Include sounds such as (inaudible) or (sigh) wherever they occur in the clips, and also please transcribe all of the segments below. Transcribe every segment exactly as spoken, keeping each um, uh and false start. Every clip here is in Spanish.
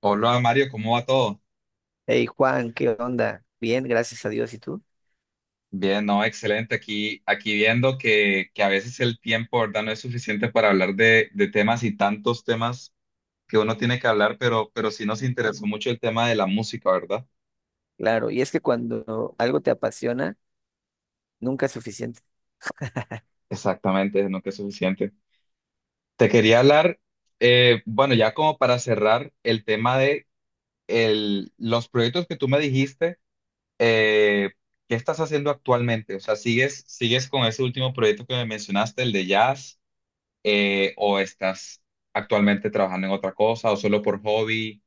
Hola Mario, ¿cómo va todo? Hey Juan, ¿qué onda? Bien, gracias a Dios. ¿Y tú? Bien, no, excelente. Aquí, aquí viendo que, que a veces el tiempo, ¿verdad? No es suficiente para hablar de, de temas y tantos temas que uno tiene que hablar, pero, pero sí nos interesó mucho el tema de la música, ¿verdad? Claro, y es que cuando algo te apasiona, nunca es suficiente. Exactamente, no que es suficiente. Te quería hablar, eh, bueno, ya como para cerrar el tema de el, los proyectos que tú me dijiste. eh, ¿Qué estás haciendo actualmente? O sea, ¿sigues, sigues con ese último proyecto que me mencionaste, el de jazz? Eh, ¿o estás actualmente trabajando en otra cosa o solo por hobby?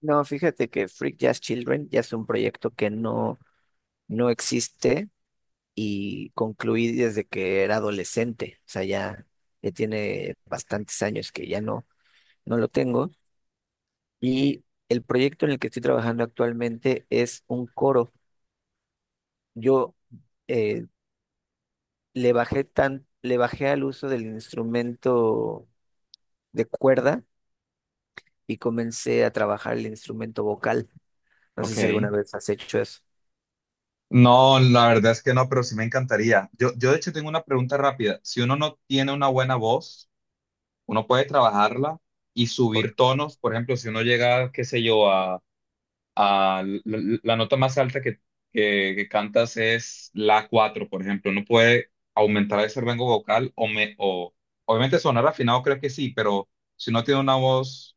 No, fíjate que Freak Jazz Children ya es un proyecto que no, no existe y concluí desde que era adolescente. O sea, ya, ya tiene bastantes años que ya no, no lo tengo. Y el proyecto en el que estoy trabajando actualmente es un coro. Yo eh, le bajé tan, le bajé al uso del instrumento de cuerda y comencé a trabajar el instrumento vocal. No sé si Ok. alguna vez has hecho eso. No, la verdad es que no, pero sí me encantaría. Yo, yo de hecho tengo una pregunta rápida. Si uno no tiene una buena voz, uno puede trabajarla y Por, subir tonos. Por ejemplo, si uno llega, qué sé yo, ah, la, la nota más alta que, que- que cantas es la cuatro, por ejemplo. No puede aumentar ese rango vocal o, me, o obviamente sonar afinado, creo que sí, pero si uno tiene una voz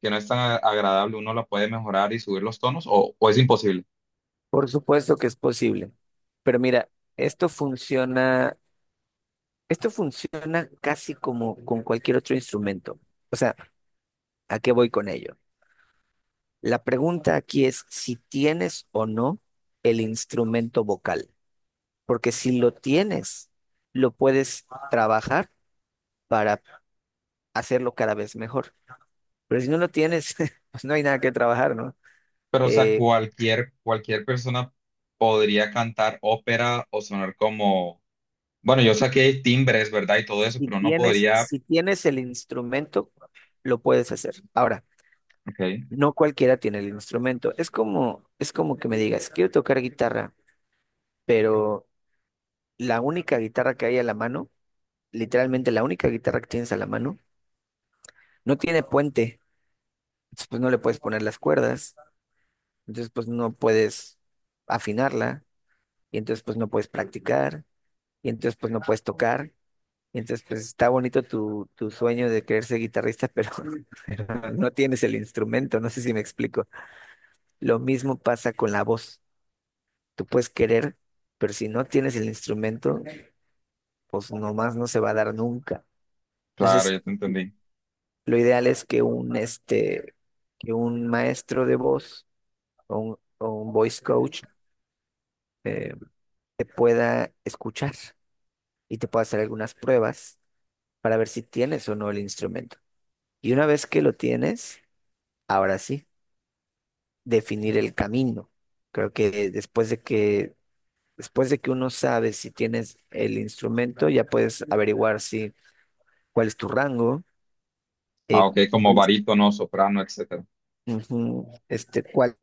que no es tan a- agradable, ¿uno la puede mejorar y subir los tonos o, o es imposible? por supuesto que es posible. Pero mira, esto funciona, esto funciona casi como con cualquier otro instrumento. O sea, ¿a qué voy con ello? La pregunta aquí es si tienes o no el instrumento vocal, porque si lo tienes, lo puedes trabajar para hacerlo cada vez mejor. Pero si no lo tienes, (laughs) pues no hay nada que trabajar, ¿no? Pero o sea, Eh, cualquier, cualquier persona podría cantar ópera o sonar como...? Bueno, yo saqué timbres, ¿verdad? Y todo eso, Si pero no tienes, podría... si tienes el instrumento, lo puedes hacer. Ahora, Ok, no cualquiera tiene el instrumento. Es como, es como que me digas, quiero tocar guitarra, pero la única guitarra que hay a la mano, literalmente la única guitarra que tienes a la mano, no tiene puente. Entonces, pues no le puedes poner las cuerdas. Entonces, pues no puedes afinarla. Y entonces, pues no puedes practicar. Y entonces, pues no puedes tocar. Entonces, pues está bonito tu, tu sueño de querer ser guitarrista, pero, (laughs) pero no tienes el instrumento, no sé si me explico. Lo mismo pasa con la voz. Tú puedes querer, pero si no tienes el instrumento, pues nomás no se va a dar nunca. claro, Entonces, ya te entendí. lo ideal es que un, este, que un maestro de voz o un, o un voice coach eh, te pueda escuchar y te pueda hacer algunas pruebas para ver si tienes o no el instrumento. Y una vez que lo tienes, ahora sí. Definir el camino. Creo que después de que, después de que uno sabe si tienes el instrumento, ya puedes averiguar si cuál es tu rango, eh, Ah, ok, como cuál es, barítono, soprano, etcétera. ujú, este, cuál,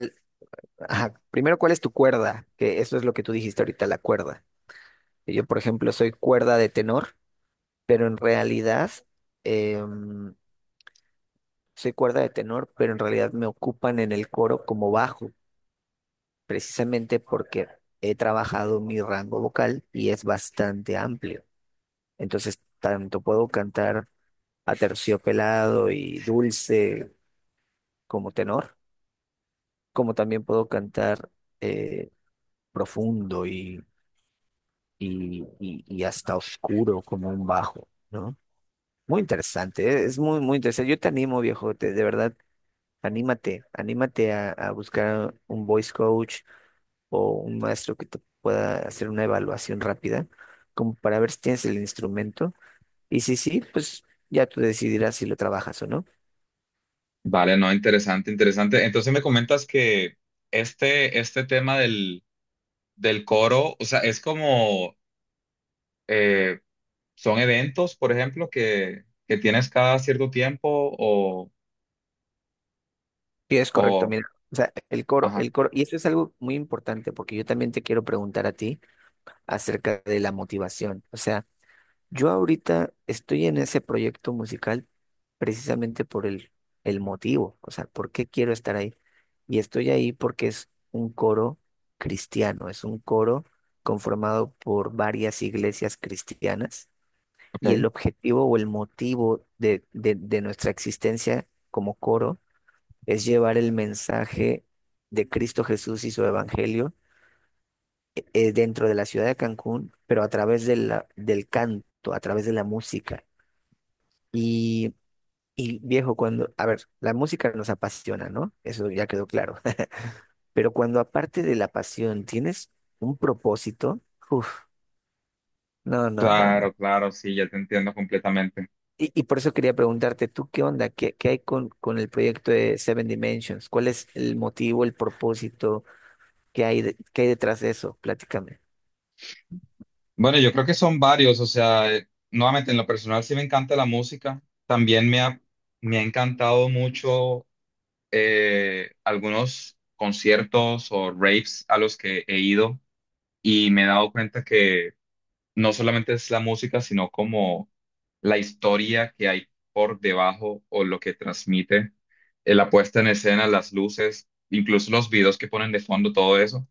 ajá, primero cuál es tu cuerda, que eso es lo que tú dijiste ahorita, la cuerda. Yo, por ejemplo, soy cuerda de tenor, pero en realidad em, soy cuerda de tenor, pero en realidad me ocupan en el coro como bajo. Precisamente porque he trabajado mi rango vocal y es bastante amplio. Entonces, tanto puedo cantar aterciopelado y dulce como tenor, como también puedo cantar eh, profundo y, y, y, y hasta oscuro como un bajo, ¿no? Muy interesante, ¿eh? Es muy, muy interesante. Yo te animo, viejo, te- de verdad, anímate, anímate a, a buscar un voice coach o un maestro que te pueda hacer una evaluación rápida, como para ver si tienes el instrumento. Y si sí, pues ya tú decidirás si lo trabajas o no. Vale, no, interesante, interesante. Entonces me comentas que este, este tema del, del coro, o sea, es como, eh, son eventos, por ejemplo, que, que tienes cada cierto tiempo o, Y es correcto, o, mira. O sea, el coro, ajá, el coro, y eso es algo muy importante porque yo también te quiero preguntar a ti acerca de la motivación. O sea, yo ahorita estoy en ese proyecto musical precisamente por el, el motivo, o sea, por qué quiero estar ahí. Y estoy ahí porque es un coro cristiano, es un coro conformado por varias iglesias cristianas y ok. el objetivo o el motivo de, de, de nuestra existencia como coro es llevar el mensaje de Cristo Jesús y su evangelio, eh, dentro de la ciudad de Cancún, pero a través de la- del canto, a través de la música. Y, y viejo, cuando, a ver, la música nos apasiona, ¿no? Eso ya quedó claro. (laughs) Pero cuando aparte de la pasión tienes un propósito, uff, no, no, no, no. Claro, claro, sí, ya te entiendo completamente. Y, y por eso quería preguntarte, ¿tú qué onda? ¿Qué, qué hay con, con el proyecto de Seven Dimensions? ¿Cuál es el motivo, el propósito? ¿Qué hay, de- qué hay detrás de eso? Platícame. Bueno, yo creo que son varios, o sea, eh, nuevamente en lo personal sí me encanta la música, también me ha, me ha encantado mucho, eh, algunos conciertos o raves a los que he ido, y me he dado cuenta que no solamente es la música, sino como la historia que hay por debajo o lo que transmite, eh, la puesta en escena, las luces, incluso los videos que ponen de fondo, todo eso.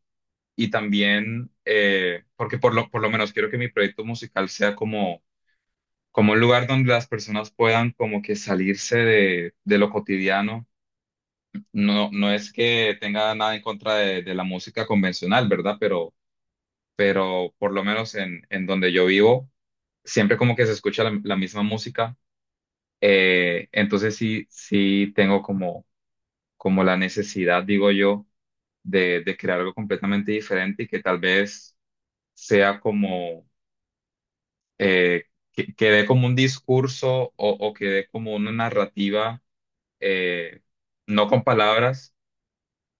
Y también, eh, porque por lo, por lo menos quiero que mi proyecto musical sea como, como un lugar donde las personas puedan como que salirse de, de lo cotidiano. No, no es que tenga nada en contra de, de la música convencional, ¿verdad? Pero, pero por lo menos en, en donde yo vivo siempre como que se escucha la, la misma música. Eh, entonces sí, sí tengo como, como la necesidad, digo yo, de, de crear algo completamente diferente y que tal vez sea como, eh, que, que dé como un discurso o, o que dé como una narrativa, eh, no con palabras,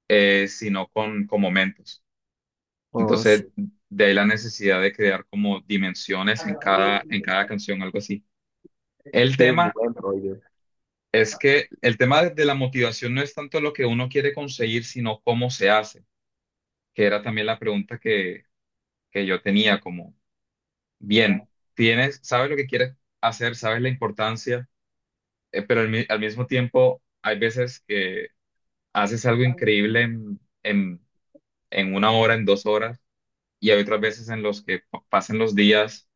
eh, sino con, con momentos. Oh, Entonces, sí, de ahí la necesidad de crear como dimensiones en cada, en cada canción, algo así. El qué tema buen rollo. Es que el tema de de la motivación no es tanto lo que uno quiere conseguir, sino cómo se hace, que era también la pregunta que, que yo tenía, como, bien, tienes, sabes lo que quieres hacer, sabes la importancia, eh, pero al, mi- al mismo tiempo hay veces que haces algo increíble en, en, en una hora, en dos horas, y hay otras veces en los que pa- pasan los días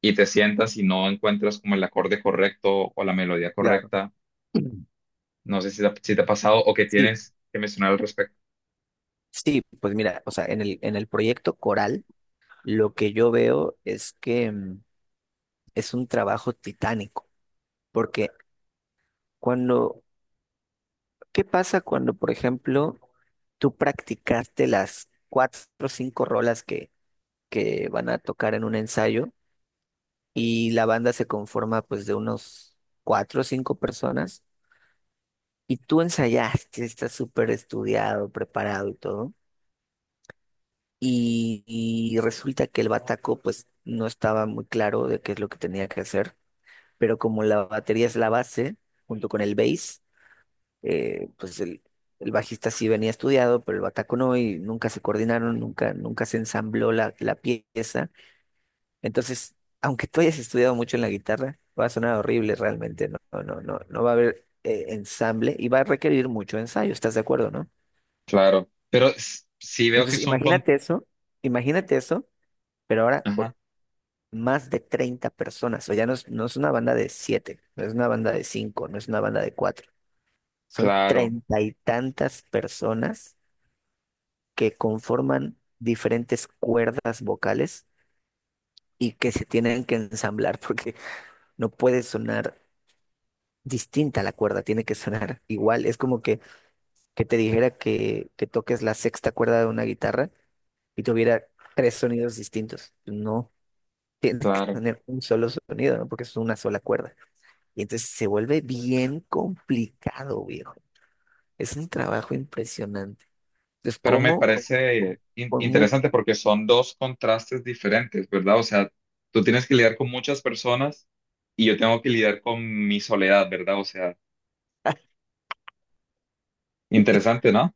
y te sientas y no encuentras como el acorde correcto o la melodía Claro. correcta. (clears throat) No sé si te, ha- si te ha pasado o que Sí, tienes que mencionar al respecto. sí, pues mira, o sea, en el, en el proyecto coral, lo que yo veo es que mm, es un trabajo titánico, porque cuando, ¿qué pasa cuando, por ejemplo, tú practicaste las cuatro o cinco rolas que, que van a tocar en un ensayo y la banda se conforma pues de unos cuatro o cinco personas y tú ensayaste, estás súper estudiado, preparado y todo, y, y resulta que el bataco pues no estaba muy claro de qué es lo que tenía que hacer, pero como la batería es la base, junto con el bass, eh, pues el, el bajista sí venía estudiado, pero el bataco no, y nunca se coordinaron, nunca, nunca se ensambló la, la pieza. Entonces, aunque tú hayas estudiado mucho en la guitarra, va a sonar horrible realmente, no, no, no, no, no va a haber eh, ensamble y va a requerir mucho ensayo, ¿estás de acuerdo, no? Claro, pero s- sí veo que Entonces, son con... imagínate eso, imagínate eso, pero ahora Ajá, por más de treinta personas, o ya no es, no es una banda de siete, no es una banda de cinco, no es una banda de cuatro, son claro, treinta y tantas personas que conforman diferentes cuerdas vocales y que se tienen que ensamblar (laughs) porque no puede sonar distinta la cuerda, tiene que sonar igual. Es como que, que te dijera que, que toques la sexta cuerda de una guitarra y tuviera tres sonidos distintos. No, (laughs) tiene que claro. tener un solo sonido, ¿no? Porque es una sola cuerda. Y entonces se vuelve bien complicado, viejo. Es un trabajo impresionante. Entonces, Pero me ¿cómo? parece in- Con mucho. interesante porque son dos contrastes diferentes, ¿verdad? O sea, tú tienes que lidiar con muchas personas y yo tengo que lidiar con mi soledad, ¿verdad? O sea, (laughs) interesante, ¿no?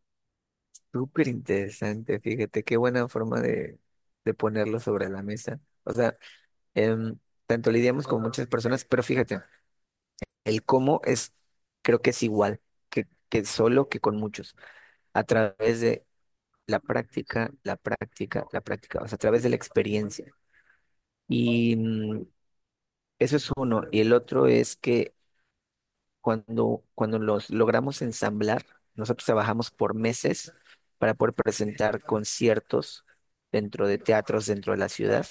Súper interesante, fíjate, qué buena forma de, de ponerlo sobre la mesa. O sea, em, tanto lidiamos con muchas personas, pero fíjate, el cómo es, creo que es igual que, que solo que con muchos, a través de la práctica, la práctica, la práctica, o sea, a través de la experiencia. Y mm, eso es uno. Y el otro es que Cuando, cuando los logramos ensamblar, nosotros trabajamos por meses para poder presentar conciertos dentro de teatros dentro de la ciudad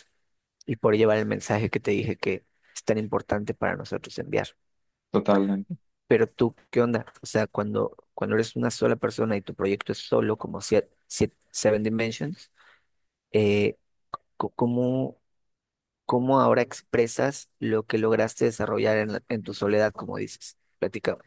y por llevar el mensaje que te dije que es tan importante para nosotros enviar. Totalmente. Pero tú, ¿qué onda? O sea, cuando, cuando eres una sola persona y tu proyecto es solo, como sie- sie- Seven Dimensions, eh, co- ¿cómo, cómo ahora expresas lo que lograste desarrollar en, la- en tu soledad, como dices? Platica.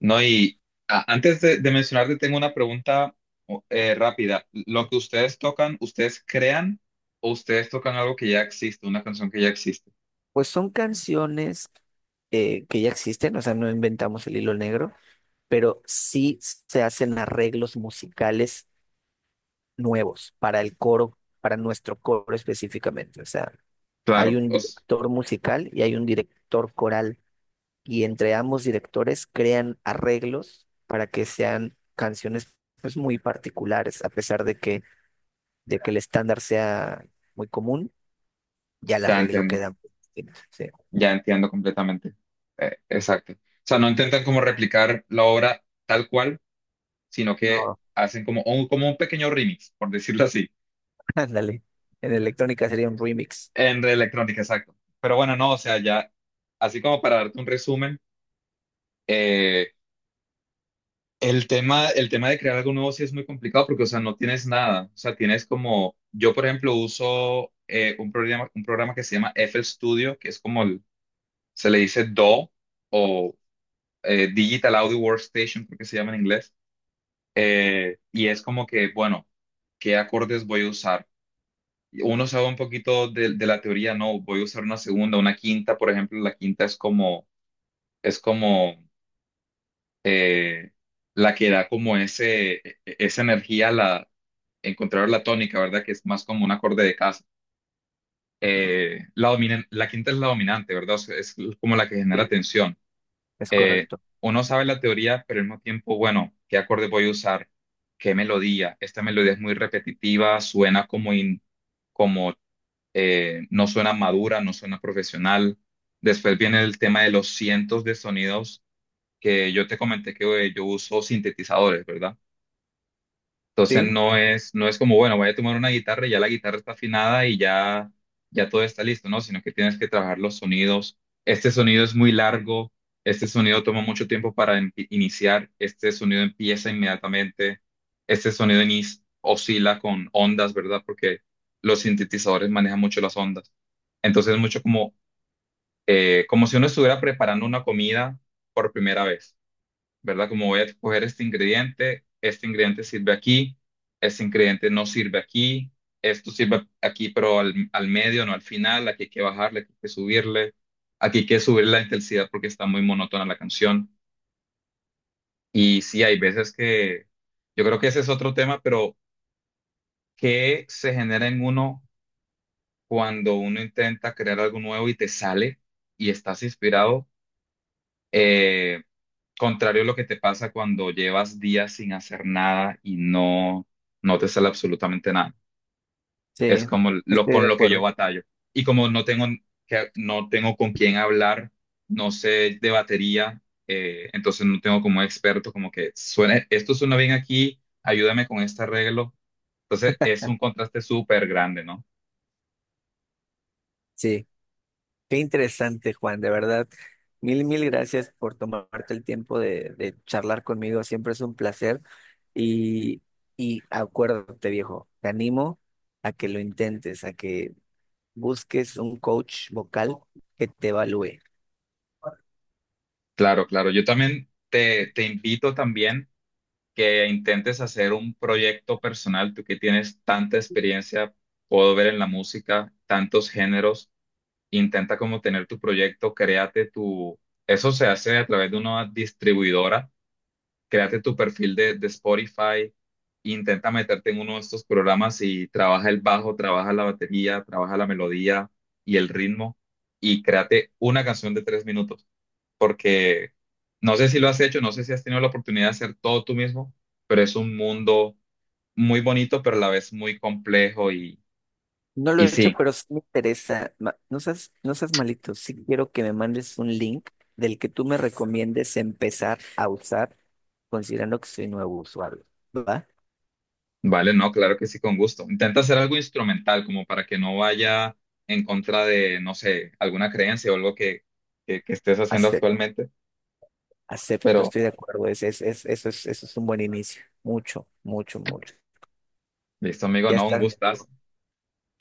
No, y a- antes de, de mencionarte, tengo una pregunta o- eh, rápida. ¿Lo que ustedes tocan, ustedes crean o ustedes tocan algo que ya existe, una canción que ya existe? Pues son canciones eh, que ya existen, o sea, no inventamos el hilo negro, pero sí se hacen arreglos musicales nuevos para el coro, para nuestro coro específicamente. O sea, hay Claro, un os, director musical y hay un director coral, y entre ambos directores crean arreglos para que sean canciones pues muy particulares, a pesar de que, de que el estándar sea muy común, ya el te arreglo entiendo. queda. Sí. Ya entiendo completamente. Eh, exacto. O sea, no intentan como replicar la obra tal cual, sino que No. hacen como un, como un pequeño remix, por decirlo así, Ándale. En electrónica sería un remix. en electrónica, exacto. Pero bueno, no, o sea, ya, así como para darte un resumen, eh, el tema, el tema de crear algo nuevo sí es muy complicado porque, o sea, no tienes nada. O sea, tienes como, yo por ejemplo uso eh, un programa, un programa que se llama F L Studio, que es como, el- se le dice DAW o eh, Digital Audio Workstation, creo que se llama en inglés. Eh, y es como que, bueno, ¿qué acordes voy a usar? Uno sabe un poquito de, de la teoría, no, voy a usar una segunda, una quinta, por ejemplo, la quinta es como, es como eh, la que da como ese, e- e- esa energía a la, encontrar la tónica, ¿verdad? Que es más como un acorde de casa. Eh, la dominan- la quinta es la dominante, ¿verdad? O sea, es como la que genera Sí. tensión. Es eh, correcto. Uno sabe la teoría, pero al mismo tiempo, bueno, ¿qué acorde voy a usar? ¿Qué melodía? Esta melodía es muy repetitiva, suena como, in- como eh, no suena madura, no suena profesional. Después viene el tema de los cientos de sonidos que yo te comenté que eh, yo uso sintetizadores, ¿verdad? Entonces Sí, no es, no es como, bueno, voy a tomar una guitarra y ya la guitarra está afinada y ya, ya todo está listo, ¿no? Sino que tienes que trabajar los sonidos. Este sonido es muy largo, este sonido toma mucho tiempo para em- iniciar, este sonido empieza inmediatamente, este sonido inis- oscila con ondas, ¿verdad? Porque los sintetizadores manejan mucho las ondas. Entonces es mucho como, eh, como si uno estuviera preparando una comida por primera vez. ¿Verdad? Como voy a escoger este ingrediente, este ingrediente sirve aquí, este ingrediente no sirve aquí, esto sirve aquí, pero al, al medio, no al final, aquí hay que bajarle, aquí hay que subirle, aquí hay que subir la intensidad porque está muy monótona la canción. Y sí, hay veces que yo creo que ese es otro tema, pero ¿qué se genera en uno cuando uno intenta crear algo nuevo y te sale y estás inspirado? Eh, Contrario a lo que te pasa cuando llevas días sin hacer nada y no, no te sale absolutamente nada. Es sí, como lo estoy de con lo que yo acuerdo. batallo. Y como no tengo, que, no tengo con quién hablar, no sé de batería, eh, entonces no tengo como experto, como que suena, esto suena bien aquí, ayúdame con este arreglo. Entonces es un contraste súper grande, ¿no? Sí, qué interesante, Juan, de verdad. Mil, mil gracias por tomarte el tiempo de, de charlar conmigo. Siempre es un placer. Y, y acuérdate, viejo, te animo a que lo intentes, a que busques un coach vocal que te evalúe. Claro, claro. Yo también te, te invito también que intentes hacer un proyecto personal, tú que tienes tanta experiencia, puedo ver en la música, tantos géneros, intenta como tener tu proyecto, créate tu, eso se hace a través de una distribuidora, créate tu perfil de, de Spotify, intenta meterte en uno de estos programas y trabaja el bajo, trabaja la batería, trabaja la melodía y el ritmo y créate una canción de tres minutos, porque no sé si lo has hecho, no sé si has tenido la oportunidad de hacer todo tú mismo, pero es un mundo muy bonito, pero a la vez muy complejo y, No lo he y hecho, sí. pero sí me interesa. Ma- No seas, no seas malito. Sí quiero que me mandes un link del que tú me recomiendes empezar a usar, considerando que soy nuevo usuario. ¿Va? Vale, no, claro que sí, con gusto. Intenta hacer algo instrumental, como para que no vaya en contra de, no sé, alguna creencia o algo que, que, que estés haciendo Acepto, actualmente, acepto, pero estoy de acuerdo. Es, es, es- eso es, eso es un buen inicio. Mucho, mucho, mucho. listo, amigo, Ya no, un estás, mi gustazo. amigo.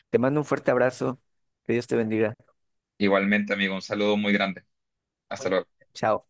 Te mando un fuerte abrazo. Que Dios te bendiga. Igualmente, amigo, un saludo muy grande. Hasta luego. Chao.